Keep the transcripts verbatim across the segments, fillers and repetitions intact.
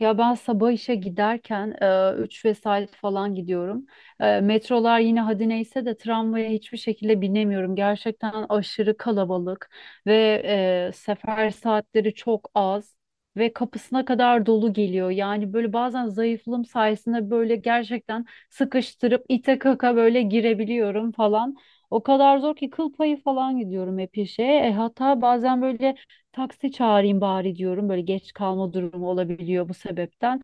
Ya ben sabah işe giderken üç vesaire falan gidiyorum. E, metrolar yine hadi neyse de tramvaya hiçbir şekilde binemiyorum. Gerçekten aşırı kalabalık ve e, sefer saatleri çok az ve kapısına kadar dolu geliyor. Yani böyle bazen zayıflığım sayesinde böyle gerçekten sıkıştırıp ite kaka böyle girebiliyorum falan. O kadar zor ki kıl payı falan gidiyorum hep işe. E, hatta bazen böyle taksi çağırayım bari diyorum. Böyle geç kalma durumu olabiliyor bu sebepten.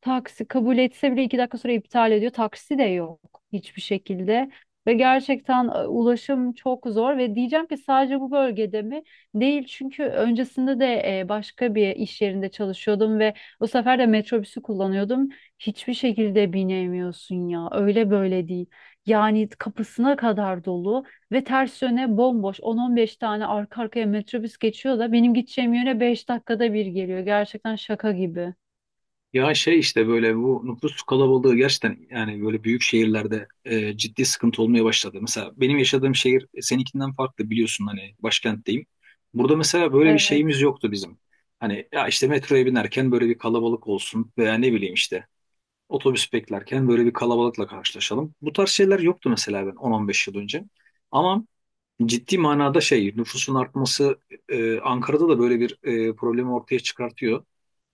Taksi kabul etse bile iki dakika sonra iptal ediyor. Taksi de yok hiçbir şekilde. Ve gerçekten e, ulaşım çok zor ve diyeceğim ki sadece bu bölgede mi? Değil, çünkü öncesinde de e, başka bir iş yerinde çalışıyordum ve o sefer de metrobüsü kullanıyordum. Hiçbir şekilde binemiyorsun, ya öyle böyle değil. Yani kapısına kadar dolu ve ters yöne bomboş on on beş tane arka arkaya metrobüs geçiyor da benim gideceğim yöne beş dakikada bir geliyor. Gerçekten şaka gibi. Ya şey işte böyle bu nüfus kalabalığı gerçekten yani böyle büyük şehirlerde e, ciddi sıkıntı olmaya başladı. Mesela benim yaşadığım şehir e, seninkinden farklı biliyorsun hani başkentteyim. Burada mesela böyle bir Evet. şeyimiz yoktu bizim. Hani ya işte metroya binerken böyle bir kalabalık olsun veya ne bileyim işte otobüs beklerken böyle bir kalabalıkla karşılaşalım. Bu tarz şeyler yoktu mesela ben on on beş yıl önce. Ama ciddi manada şey nüfusun artması e, Ankara'da da böyle bir e, problemi ortaya çıkartıyor.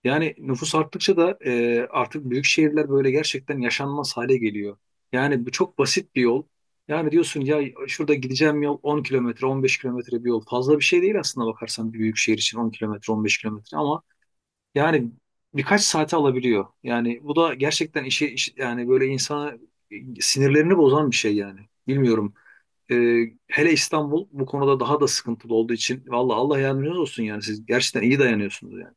Yani nüfus arttıkça da e, artık büyük şehirler böyle gerçekten yaşanmaz hale geliyor. Yani bu çok basit bir yol. Yani diyorsun ya şurada gideceğim yol on kilometre, on beş kilometre bir yol. Fazla bir şey değil aslında bakarsan bir büyük şehir için on kilometre, on beş kilometre ama yani birkaç saate alabiliyor. Yani bu da gerçekten işi, işi yani böyle insana e, sinirlerini bozan bir şey yani. Bilmiyorum. E, Hele İstanbul bu konuda daha da sıkıntılı olduğu için valla Allah yardımcınız olsun yani siz gerçekten iyi dayanıyorsunuz yani.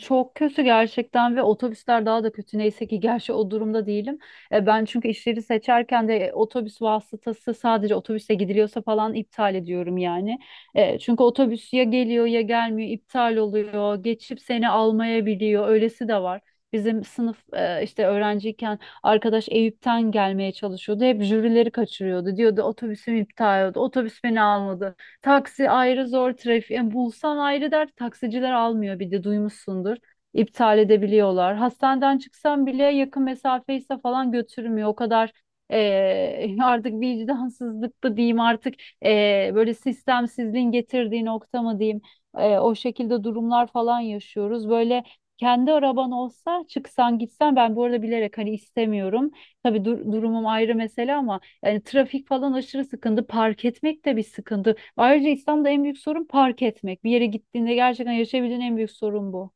Çok kötü gerçekten, ve otobüsler daha da kötü. Neyse ki gerçi o durumda değilim. E, ben çünkü işleri seçerken de e, otobüs vasıtası sadece otobüse gidiliyorsa falan iptal ediyorum yani. E, çünkü otobüs ya geliyor ya gelmiyor, iptal oluyor, geçip seni almayabiliyor. Öylesi de var. Bizim sınıf e, işte öğrenciyken arkadaş Eyüp'ten gelmeye çalışıyordu. Hep jürileri kaçırıyordu. Diyordu otobüsüm iptal oldu. Otobüs beni almadı. Taksi ayrı zor, trafik. Yani bulsan ayrı dert, taksiciler almıyor, bir de duymuşsundur. İptal edebiliyorlar. Hastaneden çıksan bile yakın mesafeyse falan götürmüyor. O kadar eee, artık vicdansızlık mı diyeyim artık, eee, böyle sistemsizliğin getirdiği nokta mı diyeyim. Eee, o şekilde durumlar falan yaşıyoruz. Böyle kendi araban olsa çıksan gitsen, ben bu arada bilerek hani istemiyorum. Tabii dur- durumum ayrı mesele ama yani trafik falan aşırı sıkıntı. Park etmek de bir sıkıntı. Ayrıca İstanbul'da en büyük sorun park etmek. Bir yere gittiğinde gerçekten yaşayabildiğin en büyük sorun bu.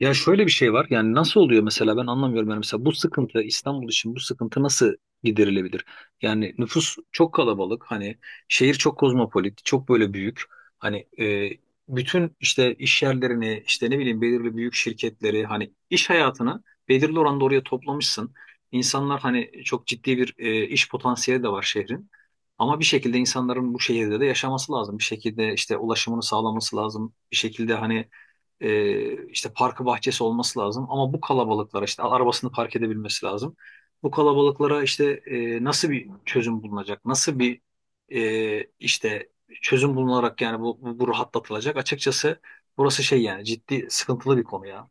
Ya şöyle bir şey var. Yani nasıl oluyor mesela ben anlamıyorum. Yani mesela bu sıkıntı İstanbul için bu sıkıntı nasıl giderilebilir? Yani nüfus çok kalabalık. Hani şehir çok kozmopolit, çok böyle büyük. Hani e, bütün işte iş yerlerini, işte ne bileyim belirli büyük şirketleri, hani iş hayatını belirli oranda oraya toplamışsın. İnsanlar hani çok ciddi bir e, iş potansiyeli de var şehrin. Ama bir şekilde insanların bu şehirde de yaşaması lazım. Bir şekilde işte ulaşımını sağlaması lazım. Bir şekilde hani ee, işte parkı bahçesi olması lazım. Ama bu kalabalıklara işte arabasını park edebilmesi lazım. Bu kalabalıklara işte e, nasıl bir çözüm bulunacak? Nasıl bir e, işte çözüm bulunarak yani bu, bu, bu rahatlatılacak? Açıkçası burası şey yani ciddi sıkıntılı bir konu ya.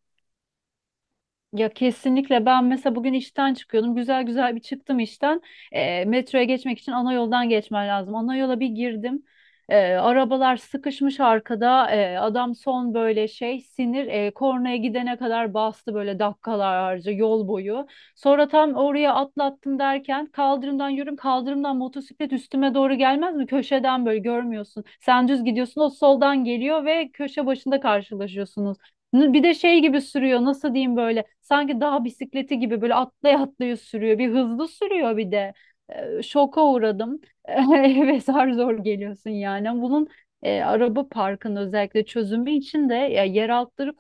Ya kesinlikle, ben mesela bugün işten çıkıyordum. Güzel güzel bir çıktım işten. E, metroya geçmek için ana yoldan geçmen lazım. Ana yola bir girdim. E, arabalar sıkışmış arkada. E, adam son böyle şey sinir, e, kornaya gidene kadar bastı, böyle dakikalarca yol boyu. Sonra tam oraya atlattım derken kaldırımdan yürüm kaldırımdan motosiklet üstüme doğru gelmez mi? Köşeden böyle görmüyorsun. Sen düz gidiyorsun, o soldan geliyor ve köşe başında karşılaşıyorsunuz. N- Bir de şey gibi sürüyor, nasıl diyeyim, böyle sanki dağ bisikleti gibi böyle atlaya atlaya sürüyor, bir hızlı sürüyor, bir de Ee, şoka uğradım. Eve zar zor geliyorsun yani. Bunun e, araba parkının özellikle çözümü için de ya, yer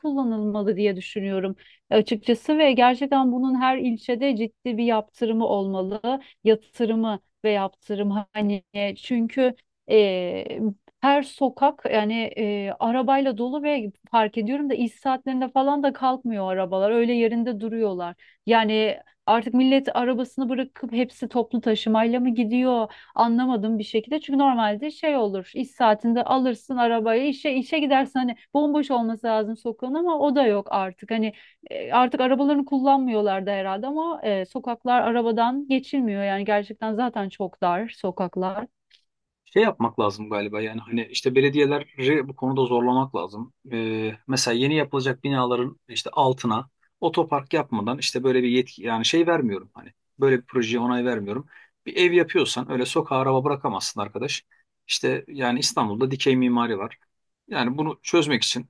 kullanılmalı diye düşünüyorum açıkçası. Ve gerçekten bunun her ilçede ciddi bir yaptırımı olmalı, yatırımı ve yaptırım hani, e, çünkü e, her sokak yani e, arabayla dolu. Ve fark ediyorum da iş saatlerinde falan da kalkmıyor arabalar. Öyle yerinde duruyorlar. Yani artık millet arabasını bırakıp hepsi toplu taşımayla mı gidiyor? Anlamadım bir şekilde. Çünkü normalde şey olur. iş saatinde alırsın arabayı, işe işe gidersin, hani bomboş olması lazım sokağın, ama o da yok artık. Hani e, artık arabalarını kullanmıyorlar da herhalde, ama e, sokaklar arabadan geçilmiyor. Yani gerçekten zaten çok dar sokaklar. Şey yapmak lazım galiba yani hani işte belediyeleri bu konuda zorlamak lazım. Ee, mesela yeni yapılacak binaların işte altına otopark yapmadan işte böyle bir yetki yani şey vermiyorum hani böyle bir projeye onay vermiyorum. Bir ev yapıyorsan öyle sokağa araba bırakamazsın arkadaş. İşte yani İstanbul'da dikey mimari var. Yani bunu çözmek için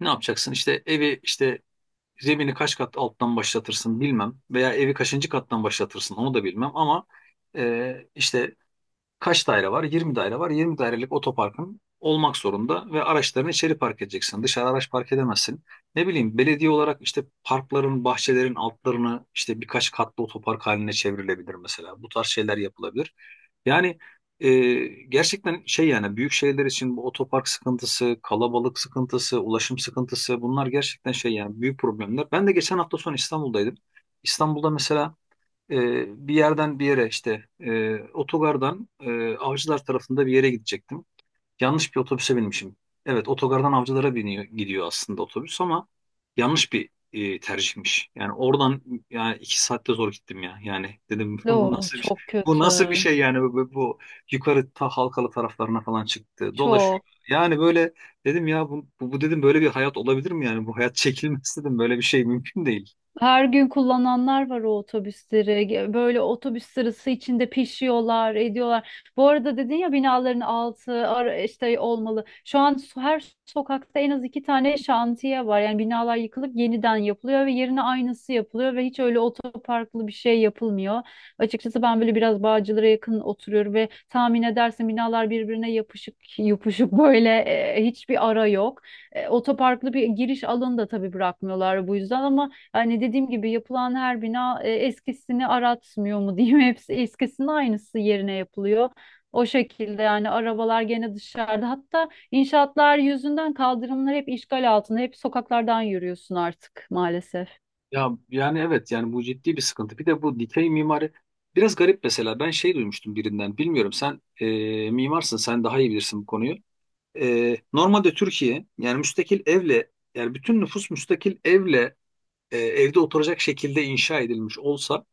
ne yapacaksın? İşte evi işte zemini kaç kat alttan başlatırsın bilmem veya evi kaçıncı kattan başlatırsın onu da bilmem ama e, işte Kaç daire var? Yirmi daire var. Yirmi dairelik otoparkın olmak zorunda ve araçlarını içeri park edeceksin. Dışarı araç park edemezsin. Ne bileyim belediye olarak işte parkların, bahçelerin altlarını işte birkaç katlı otopark haline çevrilebilir mesela. Bu tarz şeyler yapılabilir. Yani e, gerçekten şey yani büyük şehirler için bu otopark sıkıntısı, kalabalık sıkıntısı, ulaşım sıkıntısı bunlar gerçekten şey yani büyük problemler. Ben de geçen hafta sonu İstanbul'daydım. İstanbul'da mesela e, bir yerden bir yere işte e, otogardan e, Avcılar tarafında bir yere gidecektim. Yanlış bir otobüse binmişim. Evet otogardan Avcılara biniyor, gidiyor aslında otobüs ama yanlış bir e, tercihmiş. Yani oradan yani iki saatte zor gittim ya. Yani dedim bu Oo, nasıl bir şey, çok bu kötü. nasıl bir şey yani bu, bu- bu yukarı ta Halkalı taraflarına falan çıktı dolaşıyor. Çok. Yani böyle dedim ya bu, bu bu dedim böyle bir hayat olabilir mi yani bu hayat çekilmez dedim böyle bir şey mümkün değil. Her gün kullananlar var o otobüsleri. Ge- Böyle otobüs sırası içinde pişiyorlar, ediyorlar. Bu arada dedin ya, binaların altı ara- işte olmalı. Şu an so- her sokakta en az iki tane şantiye var. Yani binalar yıkılıp yeniden yapılıyor ve yerine aynısı yapılıyor, ve hiç öyle otoparklı bir şey yapılmıyor. Açıkçası ben böyle biraz Bağcılar'a yakın oturuyorum ve tahmin edersin, binalar birbirine yapışık yapışık böyle, e, hiçbir ara yok. E, otoparklı bir giriş alanı da tabii bırakmıyorlar bu yüzden, ama hani dediğim gibi yapılan her bina e, eskisini aratmıyor mu diyeyim. Hepsi eskisinin aynısı yerine yapılıyor. O şekilde yani arabalar gene dışarıda. Hatta inşaatlar yüzünden kaldırımlar hep işgal altında. Hep sokaklardan yürüyorsun artık maalesef. Ya yani evet yani bu ciddi bir sıkıntı. Bir de bu dikey mimari biraz garip mesela. Ben şey duymuştum birinden. Bilmiyorum sen e, mimarsın sen daha iyi bilirsin bu konuyu. E, normalde Türkiye yani müstakil evle yani bütün nüfus müstakil evle e, evde oturacak şekilde inşa edilmiş olsa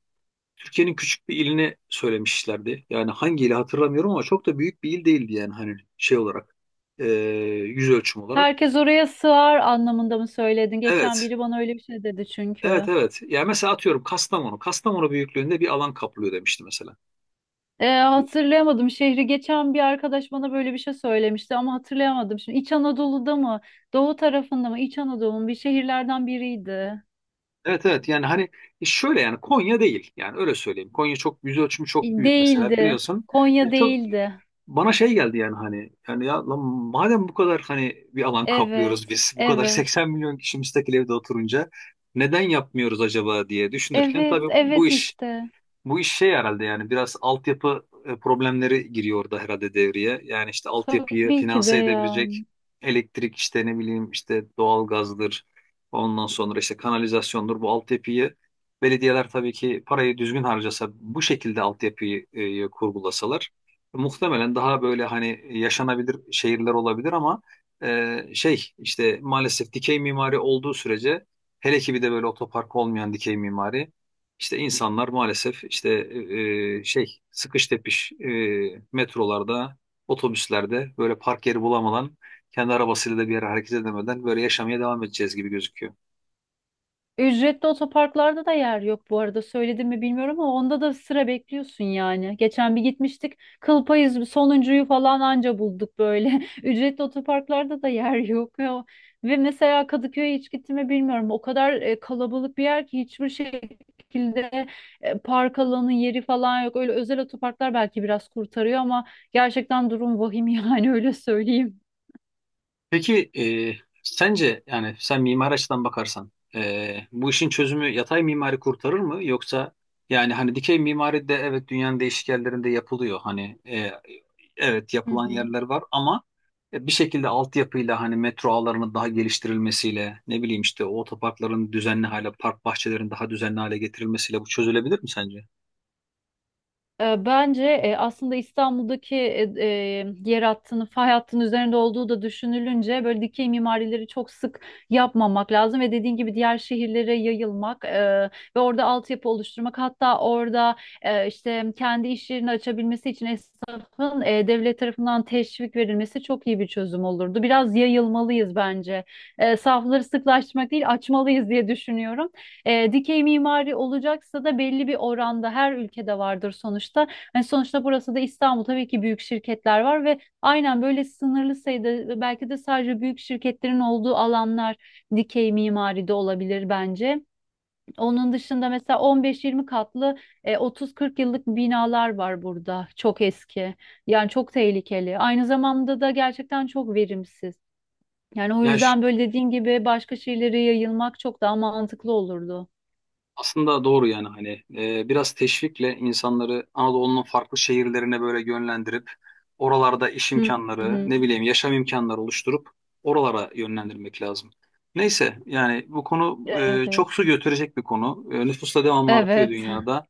Türkiye'nin küçük bir ilini söylemişlerdi. Yani hangi ili hatırlamıyorum ama çok da büyük bir il değildi yani hani şey olarak e, yüz ölçüm olarak. Herkes oraya sığar anlamında mı söyledin? Geçen Evet, biri bana öyle bir şey dedi Evet, çünkü. evet. Yani mesela atıyorum Kastamonu. Kastamonu büyüklüğünde bir alan kaplıyor demişti mesela. E, hatırlayamadım şehri. Geçen bir arkadaş bana böyle bir şey söylemişti ama hatırlayamadım. Şimdi İç Anadolu'da mı? Doğu tarafında mı? İç Anadolu'nun bir şehirlerden biriydi. Evet, evet yani hani e, şöyle yani Konya değil. Yani öyle söyleyeyim. Konya çok yüz ölçümü çok büyük mesela Değildi. biliyorsun. Konya Ya çok değildi. bana şey geldi yani hani yani ya lan madem bu kadar hani bir alan kaplıyoruz Evet. biz bu kadar Evet. seksen milyon kişi müstakil evde oturunca neden yapmıyoruz acaba diye düşünürken Evet. tabii bu Evet iş işte. Bu iş şey herhalde yani biraz altyapı e, problemleri giriyor orada herhalde devreye. Yani işte altyapıyı Tabii ki de finanse edebilecek yani. elektrik işte ne bileyim işte doğalgazdır. Ondan sonra işte kanalizasyondur. Bu altyapıyı belediyeler tabii ki parayı düzgün harcasa bu şekilde altyapıyı e, kurgulasalar muhtemelen daha böyle hani yaşanabilir şehirler olabilir ama e, şey işte maalesef dikey mimari olduğu sürece hele ki bir de böyle otopark olmayan dikey mimari işte insanlar maalesef işte e, e, şey sıkış tepiş e, metrolarda, otobüslerde böyle park yeri bulamadan kendi arabasıyla da bir yere hareket edemeden böyle yaşamaya devam edeceğiz gibi gözüküyor. Ücretli otoparklarda da yer yok, bu arada söyledim mi bilmiyorum, ama onda da sıra bekliyorsun yani. Geçen bir gitmiştik, kıl payı sonuncuyu falan anca bulduk böyle. Ücretli otoparklarda da yer yok. Ya. Ve mesela Kadıköy'e hiç gittim mi bilmiyorum. O kadar e, kalabalık bir yer ki hiçbir şekilde e, park alanı yeri falan yok. Öyle özel otoparklar belki biraz kurtarıyor ama gerçekten durum vahim. Yani öyle söyleyeyim. Peki e, sence yani sen mimari açıdan bakarsan e, bu işin çözümü yatay mimari kurtarır mı yoksa yani hani dikey mimari de evet dünyanın değişik yerlerinde yapılıyor hani e, evet Hı yapılan hı. yerler var ama e, bir şekilde altyapıyla hani metro ağlarının daha geliştirilmesiyle ne bileyim işte o otoparkların düzenli hale park bahçelerinin daha düzenli hale getirilmesiyle bu çözülebilir mi sence? E, bence e, aslında İstanbul'daki, e, e, yer hattının, fay hattının üzerinde olduğu da düşünülünce, böyle dikey mimarileri çok sık yapmamak lazım ve dediğin gibi diğer şehirlere yayılmak, e, ve orada altyapı oluşturmak, hatta orada e, işte kendi iş yerini açabilmesi için esnafın e, devlet tarafından teşvik verilmesi çok iyi bir çözüm olurdu. Biraz yayılmalıyız bence. E, safları sıklaştırmak değil, açmalıyız diye düşünüyorum. E, dikey mimari olacaksa da belli bir oranda her ülkede vardır sonuçta. Hani sonuçta burası da İstanbul, tabii ki büyük şirketler var ve aynen böyle sınırlı sayıda, belki de sadece büyük şirketlerin olduğu alanlar dikey mimari de olabilir bence. Onun dışında mesela on beş yirmi katlı, e, otuz kırk yıllık binalar var burada. Çok eski. Yani çok tehlikeli. Aynı zamanda da gerçekten çok verimsiz. Yani o Yani yüzden böyle dediğin gibi başka şeylere yayılmak çok daha mantıklı olurdu. Aslında doğru yani hani e, biraz teşvikle insanları Anadolu'nun farklı şehirlerine böyle yönlendirip oralarda iş Hı imkanları hı. ne bileyim yaşam imkanları oluşturup oralara yönlendirmek lazım. Neyse yani bu konu Evet, e, evet. çok su götürecek bir konu. E, nüfus da devamlı artıyor Evet. dünyada.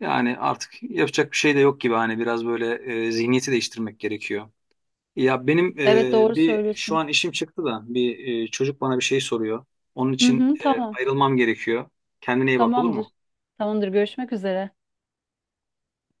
Yani artık yapacak bir şey de yok gibi hani biraz böyle e, zihniyeti değiştirmek gerekiyor. Ya benim Evet, e, doğru bir şu söylüyorsun. an işim çıktı da bir e, çocuk bana bir şey soruyor. Onun Hı için hı, e, tamam. ayrılmam gerekiyor. Kendine iyi bak olur mu? Tamamdır. Tamamdır. Görüşmek üzere.